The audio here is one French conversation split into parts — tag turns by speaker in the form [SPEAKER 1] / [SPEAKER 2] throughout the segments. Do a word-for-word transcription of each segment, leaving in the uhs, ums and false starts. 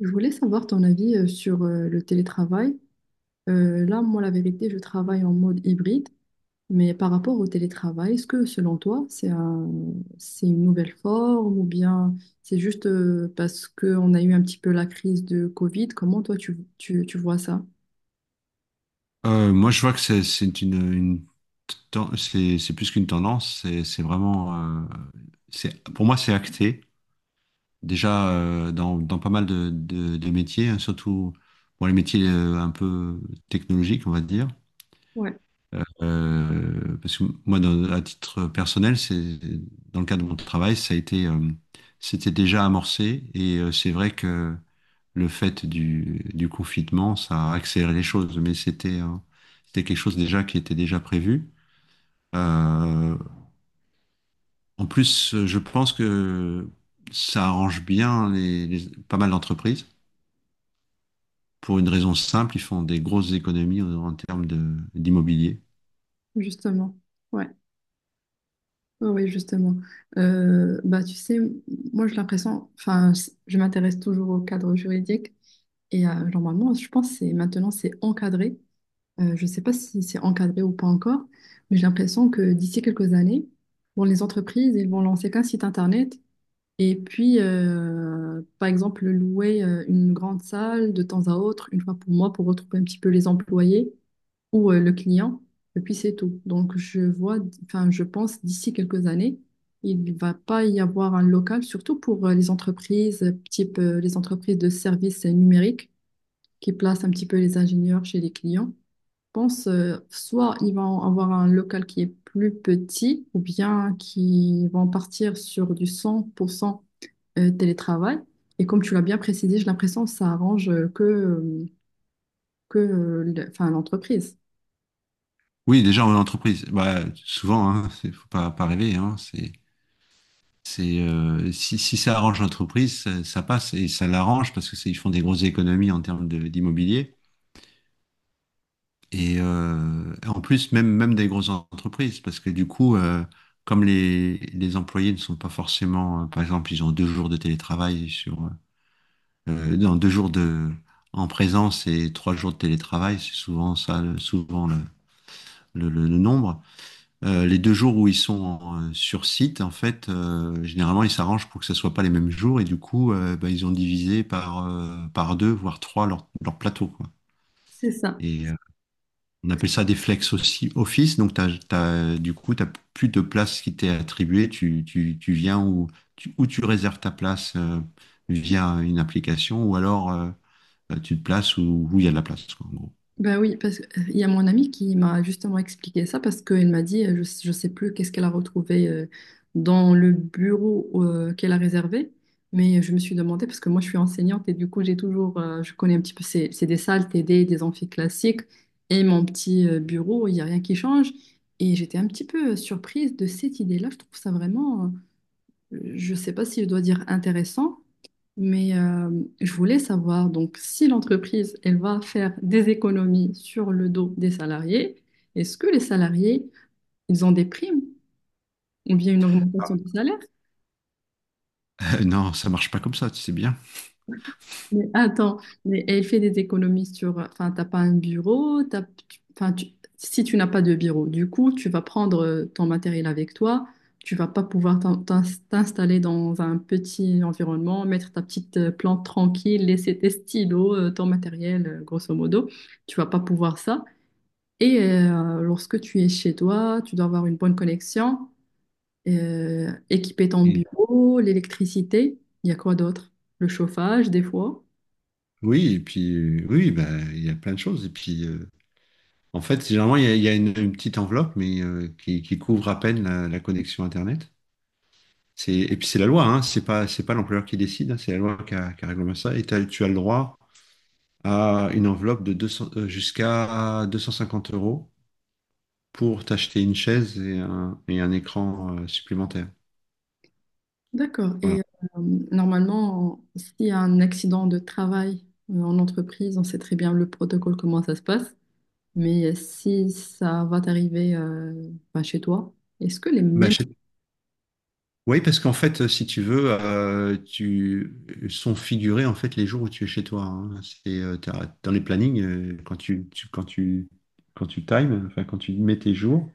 [SPEAKER 1] Je voulais savoir ton avis euh, sur euh, le télétravail. Euh, là, moi, la vérité, je travaille en mode hybride, mais par rapport au télétravail, est-ce que selon toi, c'est un- c'est une nouvelle forme ou bien c'est juste euh, parce qu'on a eu un petit peu la crise de Covid? Comment toi, tu, tu, tu vois ça?
[SPEAKER 2] Euh, moi, je vois que c'est c'est une, une ten- c'est c'est plus qu'une tendance. C'est c'est vraiment, euh, c'est pour moi, c'est acté déjà euh, dans, dans pas mal de, de, de métiers, hein, surtout pour les métiers euh, un peu technologiques, on va dire.
[SPEAKER 1] Ouais,
[SPEAKER 2] Euh, parce que moi, dans- à titre personnel, c'est dans le cadre de mon travail, ça a été, euh, c'était déjà amorcé et euh, c'est vrai que le fait du, du confinement, ça a accéléré les choses, mais c'était un- c'était quelque chose déjà qui était déjà prévu. Euh, En plus, je pense que ça arrange bien les, les- pas mal d'entreprises pour une raison simple, ils font des grosses économies en, en termes de, d'immobilier.
[SPEAKER 1] justement. Ouais, oui, justement. Euh, bah, tu sais, moi, j'ai l'impression, enfin, je m'intéresse toujours au cadre juridique et euh, normalement, je pense que c'est- maintenant, c'est encadré. Euh, je ne sais pas si c'est encadré ou pas encore, mais j'ai l'impression que d'ici quelques années, bon, les entreprises, ils vont lancer qu'un site internet et puis, euh, par exemple, louer euh, une grande salle de temps à autre, une fois pour moi, pour retrouver un petit peu les employés ou euh, le client, et puis c'est tout. Donc, je vois, enfin, je pense d'ici quelques années, il ne va pas y avoir un local, surtout pour euh, les entreprises, euh, type euh, les entreprises de services euh, numériques qui placent un petit peu les ingénieurs chez les clients pense euh, soit ils vont avoir un local qui est plus petit ou bien qui vont partir sur du cent pour cent euh, télétravail. Et comme tu l'as bien précisé, j'ai l'impression que ça arrange euh, que, euh, que euh, le- enfin, l'entreprise.
[SPEAKER 2] Oui, déjà en entreprise, bah, souvent, hein, c'est- faut pas, pas rêver, hein, c'est c'est euh, si, si ça arrange l'entreprise, ça, ça passe et ça l'arrange parce que c'est- ils font des grosses économies en termes de- d'immobilier. Et euh, en plus, même, même des grosses entreprises, parce que du coup, euh, comme les, les employés ne sont pas forcément, euh, par exemple, ils ont deux jours de télétravail sur, euh, euh, non, deux jours de, en présence et trois jours de télétravail, c'est souvent ça, le- souvent le, le, le- le nombre. Euh, les deux jours où ils sont en- euh, sur site, en fait, euh, généralement, ils s'arrangent pour que ce soit pas les mêmes jours, et du coup, euh, bah, ils ont divisé par, euh, par deux, voire trois leur, leur plateau, quoi.
[SPEAKER 1] C'est ça.
[SPEAKER 2] Et, euh, on appelle ça des flex aussi office. Donc, t'as- t'as- du coup, tu n'as plus de place qui t'est attribuée. Tu, tu- tu viens ou tu, ou tu réserves ta place euh, via une application ou alors euh, tu te places où où il y a de la place, quoi, en gros.
[SPEAKER 1] Ben oui, parce qu'il y a mon amie qui m'a justement expliqué ça parce qu'elle m'a dit, euh, je ne sais plus qu'est-ce qu'elle a retrouvé euh, dans le bureau euh, qu'elle a réservé, mais je me suis demandé, parce que moi je suis enseignante et du coup j'ai toujours, euh, je connais un petit peu, c'est c'est des salles T D des amphis classiques et mon petit euh, bureau, il n'y a rien qui change. Et j'étais un petit peu surprise de cette idée-là, je trouve ça vraiment, euh, je ne sais pas si je dois dire intéressant, mais euh, je voulais savoir, donc, si l'entreprise, elle va faire des économies sur le dos des salariés, est-ce que les salariés, ils ont des primes ou bien une
[SPEAKER 2] Ah,
[SPEAKER 1] augmentation du salaire?
[SPEAKER 2] Euh, non, ça marche pas comme ça, tu sais bien.
[SPEAKER 1] Mais attends, mais elle fait des économies sur… Enfin, t'as pas un bureau, t'as... tu- enfin, tu- si tu n'as pas de bureau, du coup, tu vas prendre euh, ton matériel avec toi, tu vas pas pouvoir t'in- t'in- t'installer dans un petit environnement, mettre ta petite euh, plante tranquille, laisser tes stylos, euh, ton matériel, euh, grosso modo, tu vas pas pouvoir ça. Et euh, lorsque tu es chez toi, tu dois avoir une bonne connexion, euh, équiper ton
[SPEAKER 2] Et-
[SPEAKER 1] bureau, l'électricité, il y a quoi d'autre? Le chauffage, des fois.
[SPEAKER 2] Oui, et puis euh, oui, bah, il y a plein de choses. Et puis euh, en fait, généralement, il y a, il y a une, une petite enveloppe, mais euh, qui, qui couvre à peine la, la connexion Internet. C'est, et puis c'est la loi, hein, c'est pas, c'est pas l'employeur qui décide, hein, c'est la loi qui a, qui a réglementé ça. Et t'as- tu as le droit à une enveloppe de deux cents, euh, jusqu'à deux cent cinquante euros pour t'acheter une chaise et un, et un écran euh, supplémentaire.
[SPEAKER 1] D'accord.
[SPEAKER 2] Voilà.
[SPEAKER 1] Et euh, normalement, s'il y a un accident de travail euh, en entreprise, on sait très bien le protocole, comment ça se passe. Mais euh, si ça va t'arriver euh, ben, chez toi, est-ce que les
[SPEAKER 2] Bah,
[SPEAKER 1] mêmes…
[SPEAKER 2] je- Oui, parce qu'en fait, euh, si tu veux, euh, tu sont figurés en fait les jours où tu es chez toi, hein. C'est euh, t'as- dans les plannings euh, quand tu, tu- quand tu quand tu times, enfin quand tu mets tes jours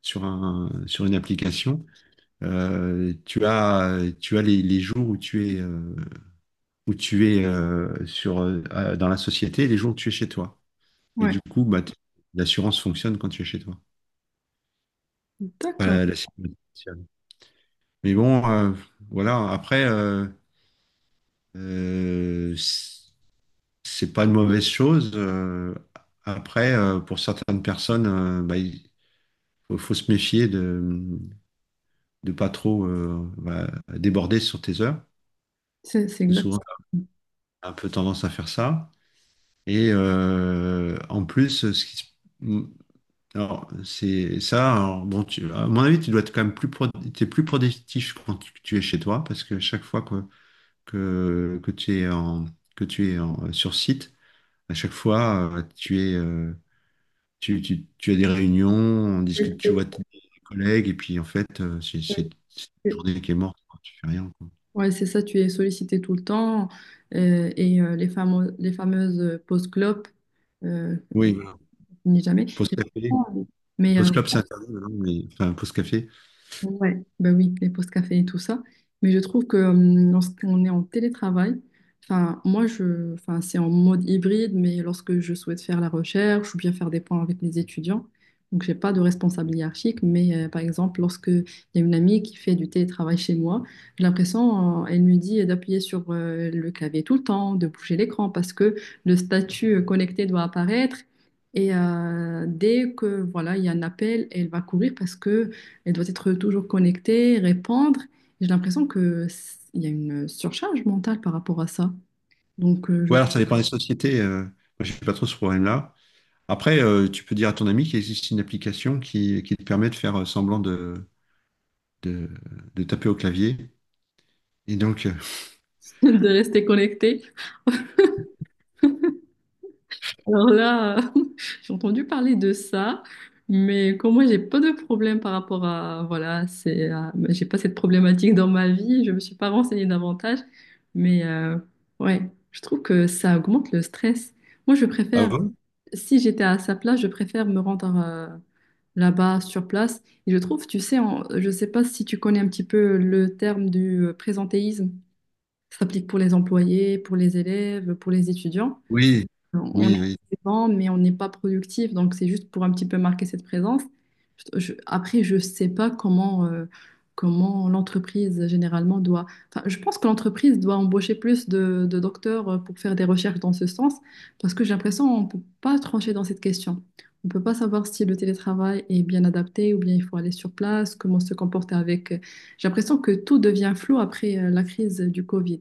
[SPEAKER 2] sur un sur une application, euh, tu as tu as les, les jours où tu es euh, où tu es euh, sur, euh, euh, dans la société et les jours où tu es chez toi. Et
[SPEAKER 1] Ouais,
[SPEAKER 2] du coup, bah, t- l'assurance fonctionne quand tu es chez toi.
[SPEAKER 1] d'accord.
[SPEAKER 2] Voilà, la sécurité sociale. Mais bon, euh, voilà, après, euh, euh, c- c'est pas une mauvaise chose. euh, après, euh, pour certaines personnes, euh, bah, il faut, faut se méfier de de pas trop euh, bah, déborder sur tes heures.
[SPEAKER 1] C'est c'est
[SPEAKER 2] Parce que souvent,
[SPEAKER 1] exactement.
[SPEAKER 2] on a un peu tendance à faire ça. Et euh, en plus, ce qui se alors, c'est ça. Alors, bon, tu, à mon avis, tu dois être quand même plus, pro- t'es plus productif quand tu, tu es chez toi, parce que chaque fois que, que, que tu es en, que tu es en- sur site, à chaque fois, euh, tu es, euh, tu, tu, tu as des réunions, on discute, tu vois tes collègues, et puis en fait, euh, c'est c'est- c'est une journée qui est morte, quoi, tu fais rien, quoi.
[SPEAKER 1] Ouais, c'est ça, tu es sollicité tout le temps. Euh, et euh, les fameux, les fameuses pauses clopes, euh,
[SPEAKER 2] Oui, voilà.
[SPEAKER 1] ni jamais.
[SPEAKER 2] Pause café.
[SPEAKER 1] Mais euh,
[SPEAKER 2] Pause club, c'est interdit maintenant, mais enfin, pause café.
[SPEAKER 1] ouais, ben oui, les pauses café et tout ça. Mais je trouve que euh, lorsqu'on est en télétravail, enfin, moi, je, enfin, c'est en mode hybride, mais lorsque je souhaite faire la recherche ou bien faire des points avec les étudiants, donc j'ai pas de responsable hiérarchique, mais euh, par exemple, lorsque il y a une amie qui fait du télétravail chez moi, j'ai l'impression, euh, elle me dit d'appuyer sur euh, le clavier tout le temps, de bouger l'écran parce que le statut euh, connecté doit apparaître. Et euh, dès que voilà, il y a un appel, elle va courir parce que elle doit être toujours connectée, répondre. J'ai l'impression que il y a une surcharge mentale par rapport à ça. Donc, euh, je me
[SPEAKER 2] Ouais,
[SPEAKER 1] conseille
[SPEAKER 2] alors ça dépend des sociétés. euh, moi, je suis pas trop ce problème-là. Après, euh, tu peux dire à ton ami qu'il existe une application qui, qui te permet de faire euh, semblant de, de, de taper au clavier. Et donc, euh,
[SPEAKER 1] de rester connectée. Alors là, euh, j'ai entendu parler de ça, mais comme moi, j'ai pas de problème par rapport à, voilà, c'est, à- j'ai pas cette problématique dans ma vie. Je me suis pas renseignée davantage, mais euh, ouais, je trouve que ça augmente le stress. Moi, je
[SPEAKER 2] ah
[SPEAKER 1] préfère.
[SPEAKER 2] bon,
[SPEAKER 1] Si j'étais à sa place, je préfère me rendre euh, là-bas sur place. Et je trouve, tu sais, en- je ne sais pas si tu connais un petit peu le terme du euh, présentéisme. Ça s'applique pour les employés, pour les élèves, pour les étudiants.
[SPEAKER 2] oui,
[SPEAKER 1] On est
[SPEAKER 2] oui, oui.
[SPEAKER 1] présent, mais on n'est pas productif. Donc, c'est juste pour un petit peu marquer cette présence. Je- après, je ne sais pas comment, euh, comment l'entreprise généralement doit. Enfin, je pense que l'entreprise doit embaucher plus de, de docteurs euh, pour faire des recherches dans ce sens, parce que j'ai l'impression qu'on ne peut pas trancher dans cette question. On ne peut pas savoir si le télétravail est bien adapté ou bien il faut aller sur place, comment se comporter avec. euh, J'ai l'impression que tout devient flou après euh, la crise du Covid.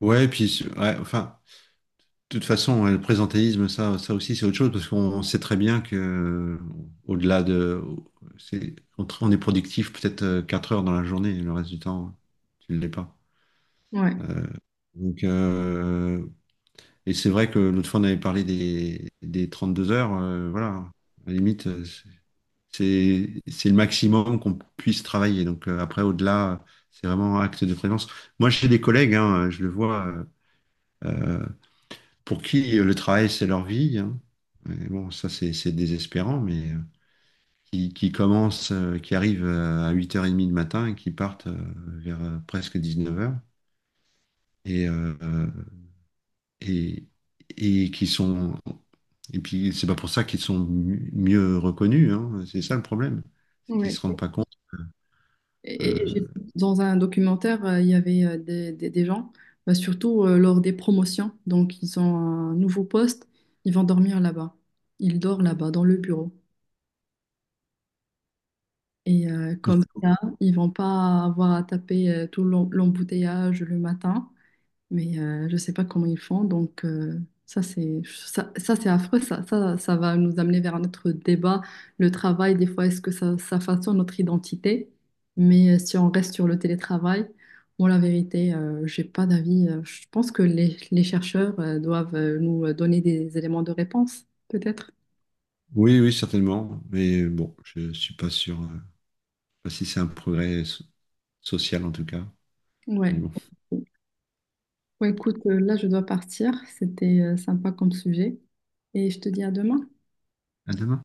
[SPEAKER 2] Ouais, puis, c'est- ouais, enfin, de toute façon, ouais, le présentéisme, ça, ça aussi, c'est autre chose, parce qu'on on sait très bien que, euh, au-delà de, c'est, on, tra- on est productif peut-être euh, 4 heures dans la journée, et le reste du temps, tu ne l'es pas.
[SPEAKER 1] Ouais.
[SPEAKER 2] Donc, euh, et c'est vrai que l'autre fois, on avait parlé des, des deux heures, euh, voilà. À la limite, euh, c'est c'est le maximum qu'on puisse travailler. Donc euh, après, au-delà, c'est vraiment acte de présence. Moi, j'ai des collègues, hein, je le vois, euh, euh, pour qui le travail, c'est leur vie, hein. Et bon, ça, c'est c'est désespérant, mais euh, qui, qui commencent, euh, qui arrivent euh, à huit heures trente le matin et qui partent euh, vers euh, presque neuf heures. Et, euh, et, et qui sont... Et puis, c'est pas pour ça qu'ils sont mi- mieux reconnus, hein. C'est ça le problème. C'est qu'ils
[SPEAKER 1] Ouais.
[SPEAKER 2] se rendent pas compte.
[SPEAKER 1] Et et
[SPEAKER 2] euh,
[SPEAKER 1] j'ai- dans un documentaire, euh, il y avait euh, des, des- des gens, bah, surtout euh, lors des promotions. Donc, ils ont un nouveau poste, ils vont dormir là-bas. Ils dorment là-bas, dans le bureau. Et euh, comme ça, ils vont pas avoir à taper euh, tout l'em- l'embouteillage le matin, mais euh, je ne sais pas comment ils font. Donc euh, ça c'est ça, ça, c'est affreux. Ça, ça ça va nous amener vers notre débat. Le travail, des fois, est-ce que ça, ça façonne notre identité? Mais euh, si on reste sur le télétravail, moi la vérité, euh, j'ai pas d'avis. Euh, Je pense que les, les chercheurs euh, doivent euh, nous euh, donner des éléments de réponse, peut-être.
[SPEAKER 2] Oui, oui, certainement. Mais bon, je suis pas sûr, euh, pas si c'est un progrès so- social en tout cas. Mais
[SPEAKER 1] Ouais.
[SPEAKER 2] bon.
[SPEAKER 1] Ouais, écoute, euh, là je dois partir. C'était euh, sympa comme sujet. Et je te dis à demain.
[SPEAKER 2] À demain.